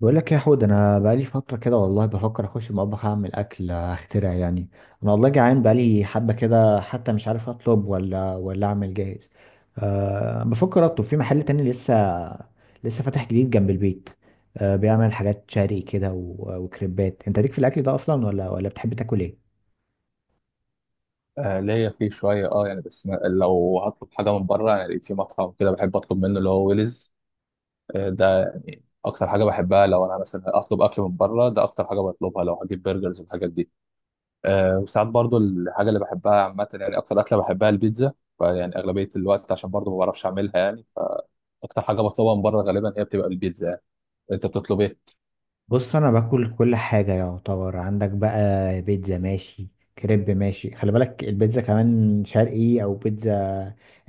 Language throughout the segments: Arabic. بقول لك يا حود، انا بقالي فتره كده والله بفكر اخش المطبخ اعمل اكل اخترع يعني. انا والله جعان بقالي حبه كده، حتى مش عارف اطلب ولا اعمل جاهز. أه، بفكر اطلب في محل تاني لسه. لسه فاتح جديد جنب البيت. أه، بيعمل حاجات شرقي كده وكريبات. انت ليك في الاكل ده اصلا ولا بتحب تاكل ايه؟ ليا فيه شوية يعني بس ما لو هطلب حاجة من بره يعني في مطعم كده بحب اطلب منه اللي هو ويلز. ده اكتر حاجة بحبها لو انا مثلا اطلب اكل من بره، ده اكتر حاجة بطلبها لو هجيب برجرز والحاجات دي. وساعات برضو الحاجة اللي بحبها عامة يعني اكتر اكلة بحبها البيتزا. يعني اغلبية الوقت عشان برضو ما بعرفش اعملها يعني. اكتر حاجة بطلبها من بره غالبا هي بتبقى البيتزا يعني. انت بتطلب ايه؟ بص، انا باكل كل حاجه يعتبر. عندك بقى بيتزا ماشي، كريب ماشي. خلي بالك البيتزا كمان شرقي او بيتزا،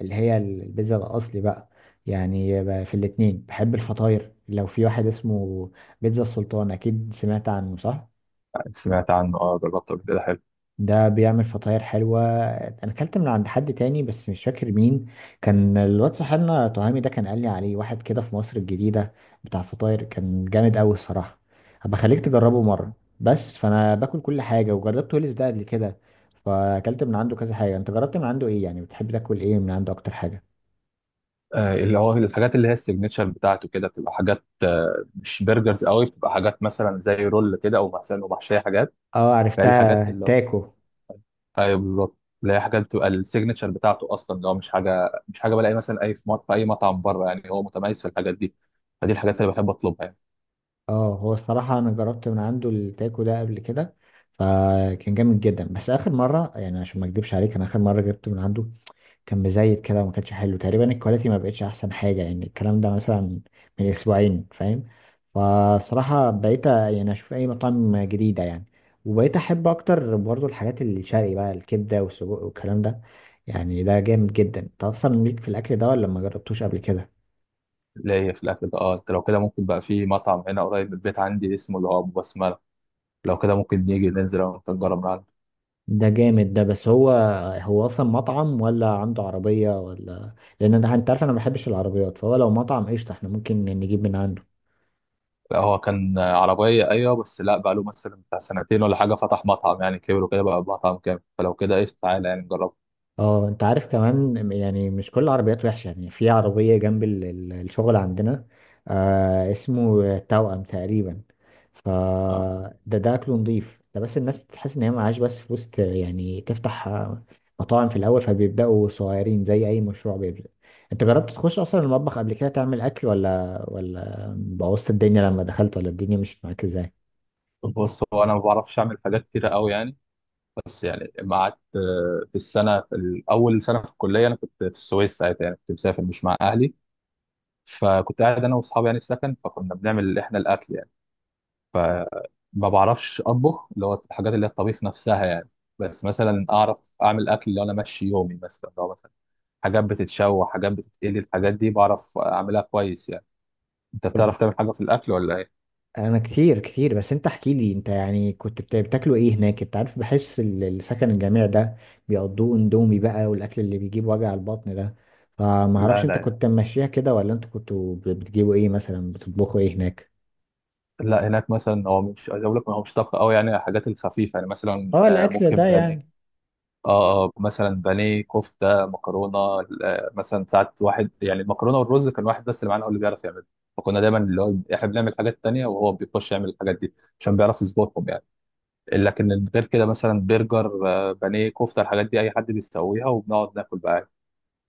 اللي هي البيتزا الاصلي بقى. يعني في الاتنين بحب الفطاير. لو في واحد اسمه بيتزا السلطان، اكيد سمعت عنه، صح؟ سمعت عنه، اه، جربته قبل كده حلو. ده بيعمل فطاير حلوة. أنا أكلت من عند حد تاني بس مش فاكر مين. كان الواد صاحبنا تهامي ده كان قال لي عليه واحد كده في مصر الجديدة، بتاع فطاير، كان جامد أوي الصراحة. هبقى خليك تجربه مرة. بس فأنا باكل كل حاجة وجربت هوليس ده قبل كده، فأكلت من عنده كذا حاجة. أنت جربت من عنده إيه يعني؟ بتحب تاكل إيه من عنده أكتر حاجة؟ اللي هو الحاجات اللي هي السيجنتشر بتاعته كده بتبقى حاجات، مش برجرز قوي، بتبقى حاجات مثلا زي رول كده او مثلا ومحشيه حاجات. اه، فهي الحاجات عرفتها، اللي هو تاكو. ايوه بالظبط اللي هي حاجات بتبقى السيجنتشر بتاعته اصلا، اللي هو مش حاجه بلاقي مثلا اي في اي مطعم بره يعني، هو متميز في الحاجات دي. فدي الحاجات اللي بحب اطلبها يعني. اه، هو الصراحة أنا جربت من عنده التاكو ده قبل كده، فكان جامد جدا. بس آخر مرة يعني عشان ما أكدبش عليك، أنا آخر مرة جبت من عنده كان مزيت كده وما كانش حلو تقريبا، الكواليتي ما بقتش احسن حاجه يعني، الكلام ده مثلا من اسبوعين، فاهم. فصراحه بقيت يعني اشوف اي مطاعم جديده يعني، وبقيت احب اكتر برضو الحاجات الشرقي بقى، الكبده والسجق والكلام ده. يعني ده جامد جدا. انت اصلا ليك في الاكل ده ولا ما جربتوش قبل كده؟ اللي هي في الاكل ده، اه، انت لو كده ممكن بقى في مطعم هنا قريب من البيت عندي اسمه اللي هو ابو بسمله. لو كده ممكن نيجي ننزل أنا وأنت نجرب. ده جامد ده. بس هو، هو اصلا مطعم ولا عنده عربيه؟ ولا لان ده، انت عارف، انا ما بحبش العربيات. فهو لو مطعم قشطه احنا ممكن نجيب من عنده. لا هو كان عربية، أيوة، بس لا بقى له مثلا بتاع سنتين ولا حاجة، فتح مطعم يعني كبر وكده بقى مطعم كامل، فلو كده إيش تعالى يعني نجرب. اه، انت عارف كمان، يعني مش كل العربيات وحشة. يعني في عربية جنب الشغل عندنا، آه، اسمه توأم تقريبا. ف آه. ده اكله نضيف ده، بس الناس بتحس ان هي معاش بس فلوس يعني تفتح مطاعم في الاول، فبيبدأوا صغيرين زي اي مشروع بيبدأ. انت جربت تخش اصلا المطبخ قبل كده تعمل اكل، ولا بوظت الدنيا لما دخلت، ولا الدنيا مشيت معاك ازاي؟ بص هو أنا ما بعرفش أعمل حاجات كتيرة أوي يعني. بس يعني لما قعدت في السنة أول سنة في الكلية، أنا كنت في السويس ساعتها يعني، كنت مسافر مش مع أهلي. فكنت قاعد أنا وأصحابي يعني في سكن، فكنا بنعمل إحنا الأكل يعني. فما بعرفش أطبخ اللي هو الحاجات اللي هي الطبيخ نفسها يعني. بس مثلا أعرف أعمل أكل لو أنا ماشي يومي، مثلا لو مثلا حاجات بتتشوى، حاجات بتتقلي، الحاجات دي بعرف اعملها كويس يعني. انت بتعرف تعمل حاجه في الاكل ولا ايه؟ انا كتير كتير. بس انت احكي لي، انت يعني كنت بتاكلوا ايه هناك؟ انت عارف، بحس السكن الجامعي ده بيقضوه اندومي بقى والاكل اللي بيجيب وجع البطن ده. فما اعرفش، لا انت لا كنت ماشيها كده ولا انتوا كنتوا بتجيبوا ايه مثلا؟ بتطبخوا ايه هناك؟ لا هناك مثلا هو مش عايز اقول لك هو مش طبخ قوي يعني، الحاجات الخفيفه يعني مثلا، اه، الاكل ممكن ده بانيه. يعني. اه مثلا بانيه، كفته، مكرونه. مثلا ساعات واحد يعني المكرونه والرز كان واحد بس اللي معانا هو اللي بيعرف يعمل. فكنا دايما اللي هو احنا بنعمل حاجات تانية وهو بيخش يعمل الحاجات دي عشان بيعرف يظبطهم يعني. لكن غير كده مثلا برجر، بانيه، كفته، الحاجات دي اي حد بيسويها وبنقعد ناكل بقى.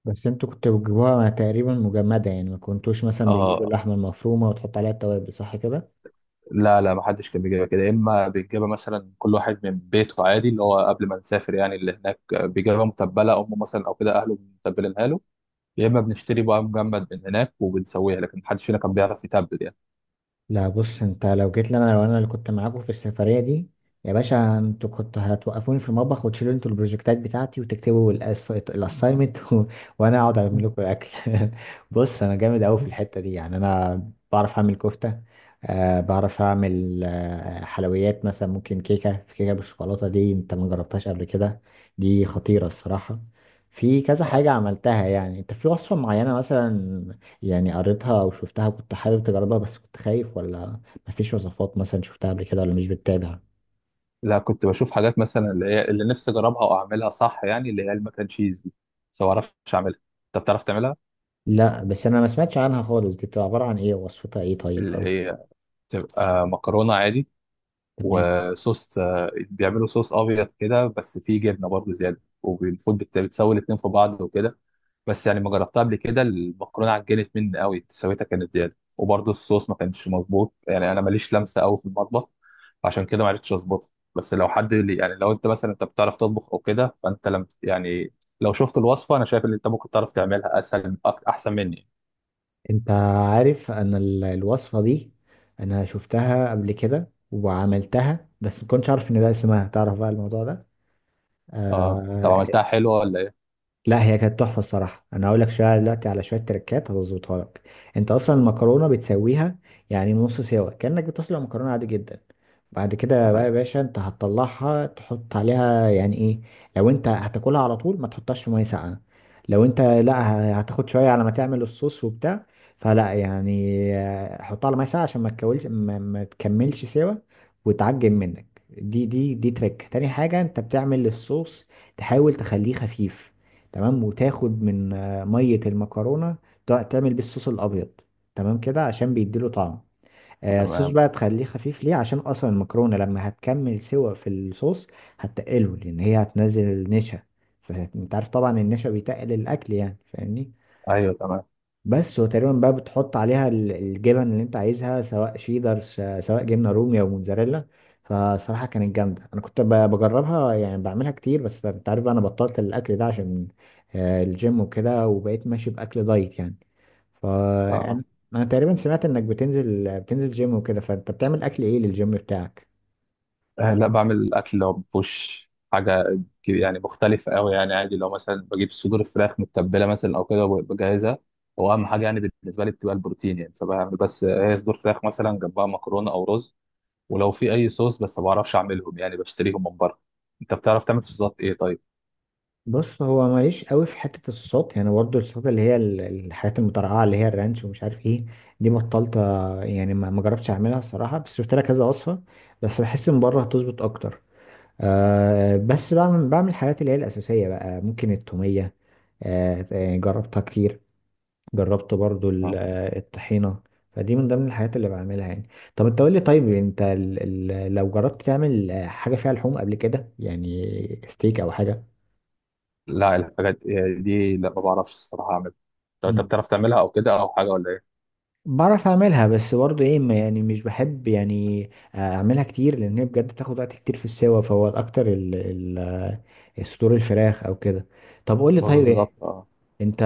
بس انتوا كنتوا بتجيبوها تقريبا مجمدة يعني، ما كنتوش مثلا بيجيبوا اه. اللحمة المفرومة وتحط عليها التوابل، صح كده؟ لا، ما حدش كان بيجيبها كده. يا اما بيجيبها مثلا كل واحد من بيته عادي، اللي هو قبل ما نسافر يعني، اللي هناك بيجيبها متبله امه مثلا او كده اهله متبلينها له. يا اما بنشتري بقى مجمد من هناك وبنسويها، لكن محدش فينا كان بيعرف يتبل يعني. لا، بص. انت لو جيت لي انا، لو انا اللي كنت معاكم في السفريه دي، يا باشا، انتوا كنتوا هتوقفوني في المطبخ وتشيلوا انتوا البروجكتات بتاعتي وتكتبوا الاساينمنت وانا اقعد اعمل لكم الاكل بص، انا جامد قوي في الحته دي يعني. انا بعرف اعمل كفته. أه، بعرف اعمل حلويات. مثلا ممكن كيكه، في كيكه بالشوكولاته دي، انت ما جربتهاش قبل كده؟ دي خطيره الصراحه. في كذا آه. حاجه عملتها يعني. انت في وصفه معينه مثلا يعني قريتها او شفتها كنت حابب تجربها، بس كنت خايف، ولا مفيش وصفات مثلا شفتها قبل كده، ولا مش بتتابع؟ لا كنت بشوف حاجات مثلا اللي هي اللي نفسي اجربها واعملها صح يعني اللي هي المكن تشيز دي، بس ما اعرفش اعملها. انت بتعرف تعملها؟ لا، بس انا ما سمعتش عنها خالص. دي بتبقى عبارة عن ايه؟ وصفتها ايه طيب، اللي او هي تبقى مكرونه عادي تمام. وصوص، بيعملوا صوص ابيض كده بس فيه جبنه برضه زياده، وبالمفروض بتسوي الاتنين في بعض وكده. بس يعني ما جربتها قبل كده، المكرونه عجنت مني قوي سويتها كانت زياده، وبرضه الصوص ما كانش مظبوط يعني، انا ماليش لمسه قوي في المطبخ. عشان كده ما عرفتش اظبطها. بس لو حد اللي يعني لو انت مثلا انت بتعرف تطبخ او كده فانت لم يعني، لو شفت الوصفه انا شايف ان انت ممكن تعرف تعملها اسهل احسن مني. انت عارف، انا الوصفة دي، انا شفتها قبل كده وعملتها، بس ما كنتش عارف ان ده اسمها. تعرف بقى الموضوع ده. اه طب آه. عملتها حلوه ولا ايه؟ لا، هي كانت تحفه الصراحه. انا هقول لك شويه دلوقتي على شويه تريكات هتظبطها لك. انت اصلا المكرونه بتسويها، يعني نص سوا كانك بتسلق مكرونه عادي جدا. بعد كده بقى يا تمام. باشا، انت هتطلعها تحط عليها يعني ايه. لو انت هتاكلها على طول، ما تحطهاش في ميه ساقعه. لو انت لا، هتاخد شويه على ما تعمل الصوص وبتاع، فلا يعني، حطها على ميه ساقعه عشان ما تكولش ما, ما تكملش سوا وتعجن منك. دي تريك. تاني حاجه، انت بتعمل الصوص تحاول تخليه خفيف، تمام، وتاخد من ميه المكرونه تعمل بيه الصوص الابيض. تمام كده عشان بيديله طعم. الصوص تمام. بقى تخليه خفيف ليه؟ عشان اصلا المكرونه لما هتكمل سوا في الصوص هتقله، لان هي هتنزل النشا. فانت عارف طبعا النشا بيتقل الاكل يعني، فاهمني. ايوه تمام. بس، وتقريبا بقى بتحط عليها الجبن اللي انت عايزها، سواء شيدر، سواء جبنه رومي او موتزاريلا. فصراحه كانت جامده. انا كنت بجربها يعني، بعملها كتير. بس انت عارف بقى انا بطلت الاكل ده عشان الجيم وكده، وبقيت ماشي باكل دايت يعني. فانا اه. أنا تقريبا سمعت انك بتنزل جيم وكده. فانت بتعمل اكل ايه للجيم بتاعك؟ لا بعمل الاكل اللي هو مفهوش حاجه يعني مختلفه قوي يعني، عادي لو مثلا بجيب صدور الفراخ متبله مثلا او كده وبجهزها. هو اهم حاجه يعني بالنسبه لي بتبقى البروتين يعني، فبعمل بس هي صدور فراخ مثلا جنبها مكرونه او رز. ولو في اي صوص، بس ما بعرفش اعملهم يعني بشتريهم من بره. انت بتعرف تعمل صوصات ايه طيب؟ بص، هو ماليش قوي في حتة الصوت يعني، برضه الصوت اللي هي الحاجات المترقعة اللي هي الرانش ومش عارف ايه. دي بطلت يعني ما جربتش اعملها الصراحة، بس شفت لها كذا وصفة. بس بحس من بره هتظبط اكتر. أه، بس بعمل الحاجات اللي هي الأساسية بقى، ممكن التومية. أه، جربتها كتير. جربت برضه اه. الطحينة. فدي من ضمن الحاجات اللي بعملها يعني. طب انت قول لي. طيب انت لو جربت تعمل حاجة فيها لحوم قبل كده، يعني ستيك او حاجة. لا الحاجات دي لا ما بعرفش الصراحه اعملها. لو انت بتعرف تعملها او كده او حاجه ولا ايه؟ بعرف اعملها. بس برضه ايه، يعني مش بحب يعني اعملها كتير، لان هي بجد بتاخد وقت كتير في السوا. فهو الاكتر ال ال الصدور الفراخ او كده. طب قول لي ما طيب بالظبط، ايه. اه. انت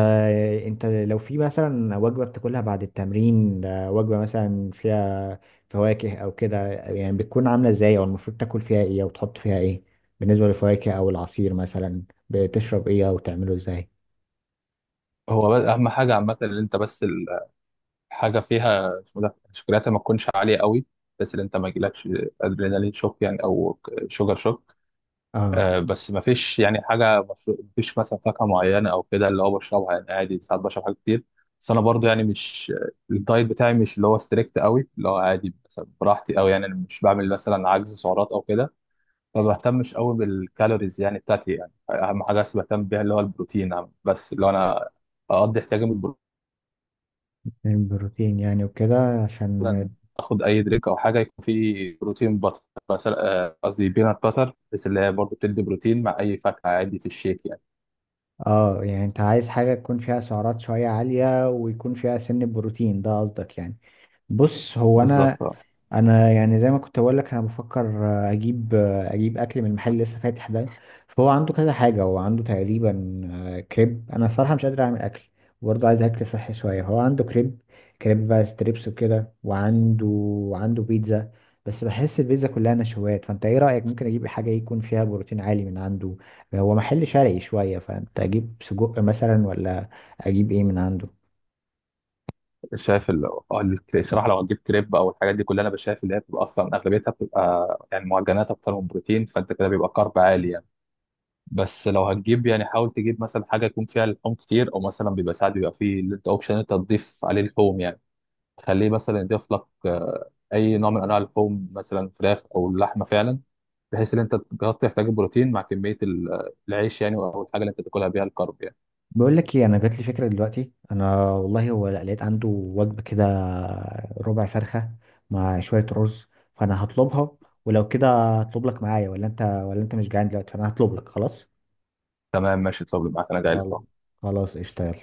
انت لو في مثلا وجبة بتاكلها بعد التمرين، وجبة مثلا فيها فواكه او كده، يعني بتكون عاملة ازاي، او المفروض تاكل فيها ايه او تحط فيها ايه؟ بالنسبة للفواكه او العصير مثلا، بتشرب ايه او تعمله ازاي؟ هو بس اهم حاجه عامه ان انت بس حاجه فيها اسمه ده الشوكولاته ما تكونش عاليه قوي، بس اللي انت ما يجيلكش ادرينالين شوك يعني، او شوجر شوك. اه، آه. بس ما فيش يعني حاجه مشروب ما فيش مثلا فاكهه معينه او كده اللي هو بشربها يعني، عادي ساعات بشرب حاجات كتير. بس انا برضو يعني مش الدايت بتاعي مش اللي هو ستريكت قوي، اللي هو عادي مثلا براحتي قوي يعني، أنا مش بعمل مثلا عجز سعرات او كده. ما بهتمش قوي بالكالوريز يعني بتاعتي يعني، اهم حاجه بس بهتم بيها اللي هو البروتين، بس اللي هو انا اقضي احتياجي من البروتين. من بروتين يعني وكده، مثلا عشان اخد اي دريك او حاجه يكون فيه بروتين بطر، مثلا قصدي بينات باتر، بس اللي هي برضه بتدي بروتين مع اي فاكهه عادي في الشيك يعني. اه، يعني انت عايز حاجة تكون فيها سعرات شوية عالية ويكون فيها سن بروتين، ده قصدك يعني؟ بص، هو انا بالظبط. آه. انا يعني زي ما كنت بقول لك، انا بفكر اجيب اكل من المحل اللي لسه فاتح ده. فهو عنده كذا حاجه، هو عنده تقريبا كريب. انا الصراحه مش قادر اعمل اكل، وبرضه عايز اكل صحي شويه. هو عنده كريب، كريب بقى ستريبس وكده، وعنده بيتزا. بس بحس البيتزا كلها نشويات. فانت ايه رايك، ممكن اجيب حاجه يكون فيها بروتين عالي من عنده؟ هو محل شرقي شويه، فانت اجيب سجق مثلا، ولا اجيب ايه من عنده؟ شايف ال- آه، ال- الصراحه لو هتجيب كريب او الحاجات دي كلها، انا بشايف اللي هي بتبقى اصلا اغلبيتها بتبقى يعني معجنات اكتر من بروتين، فانت كده بيبقى كارب عالي يعني. بس لو هتجيب يعني حاول تجيب مثلا حاجه يكون فيها لحوم كتير، او مثلا بيبقى ساعات بيبقى فيه اللي انت اوبشن انت تضيف عليه لحوم يعني، تخليه مثلا يضيف لك اي نوع من انواع اللحوم مثلا فراخ او لحمه فعلا، بحيث ان انت تغطي احتياج البروتين مع كميه العيش يعني او الحاجه اللي انت تاكلها بيها الكارب يعني. بقول لك ايه، انا جات لي فكره دلوقتي. انا والله هو لقيت عنده وجبه كده، ربع فرخه مع شويه رز، فانا هطلبها. ولو كده، هطلب لك معايا، ولا انت مش جعان دلوقتي؟ فانا هطلب لك خلاص. تمام ماشي. طب معاك، انا جاي لك خلاص. أهو. خلاص، قشطه، يلا.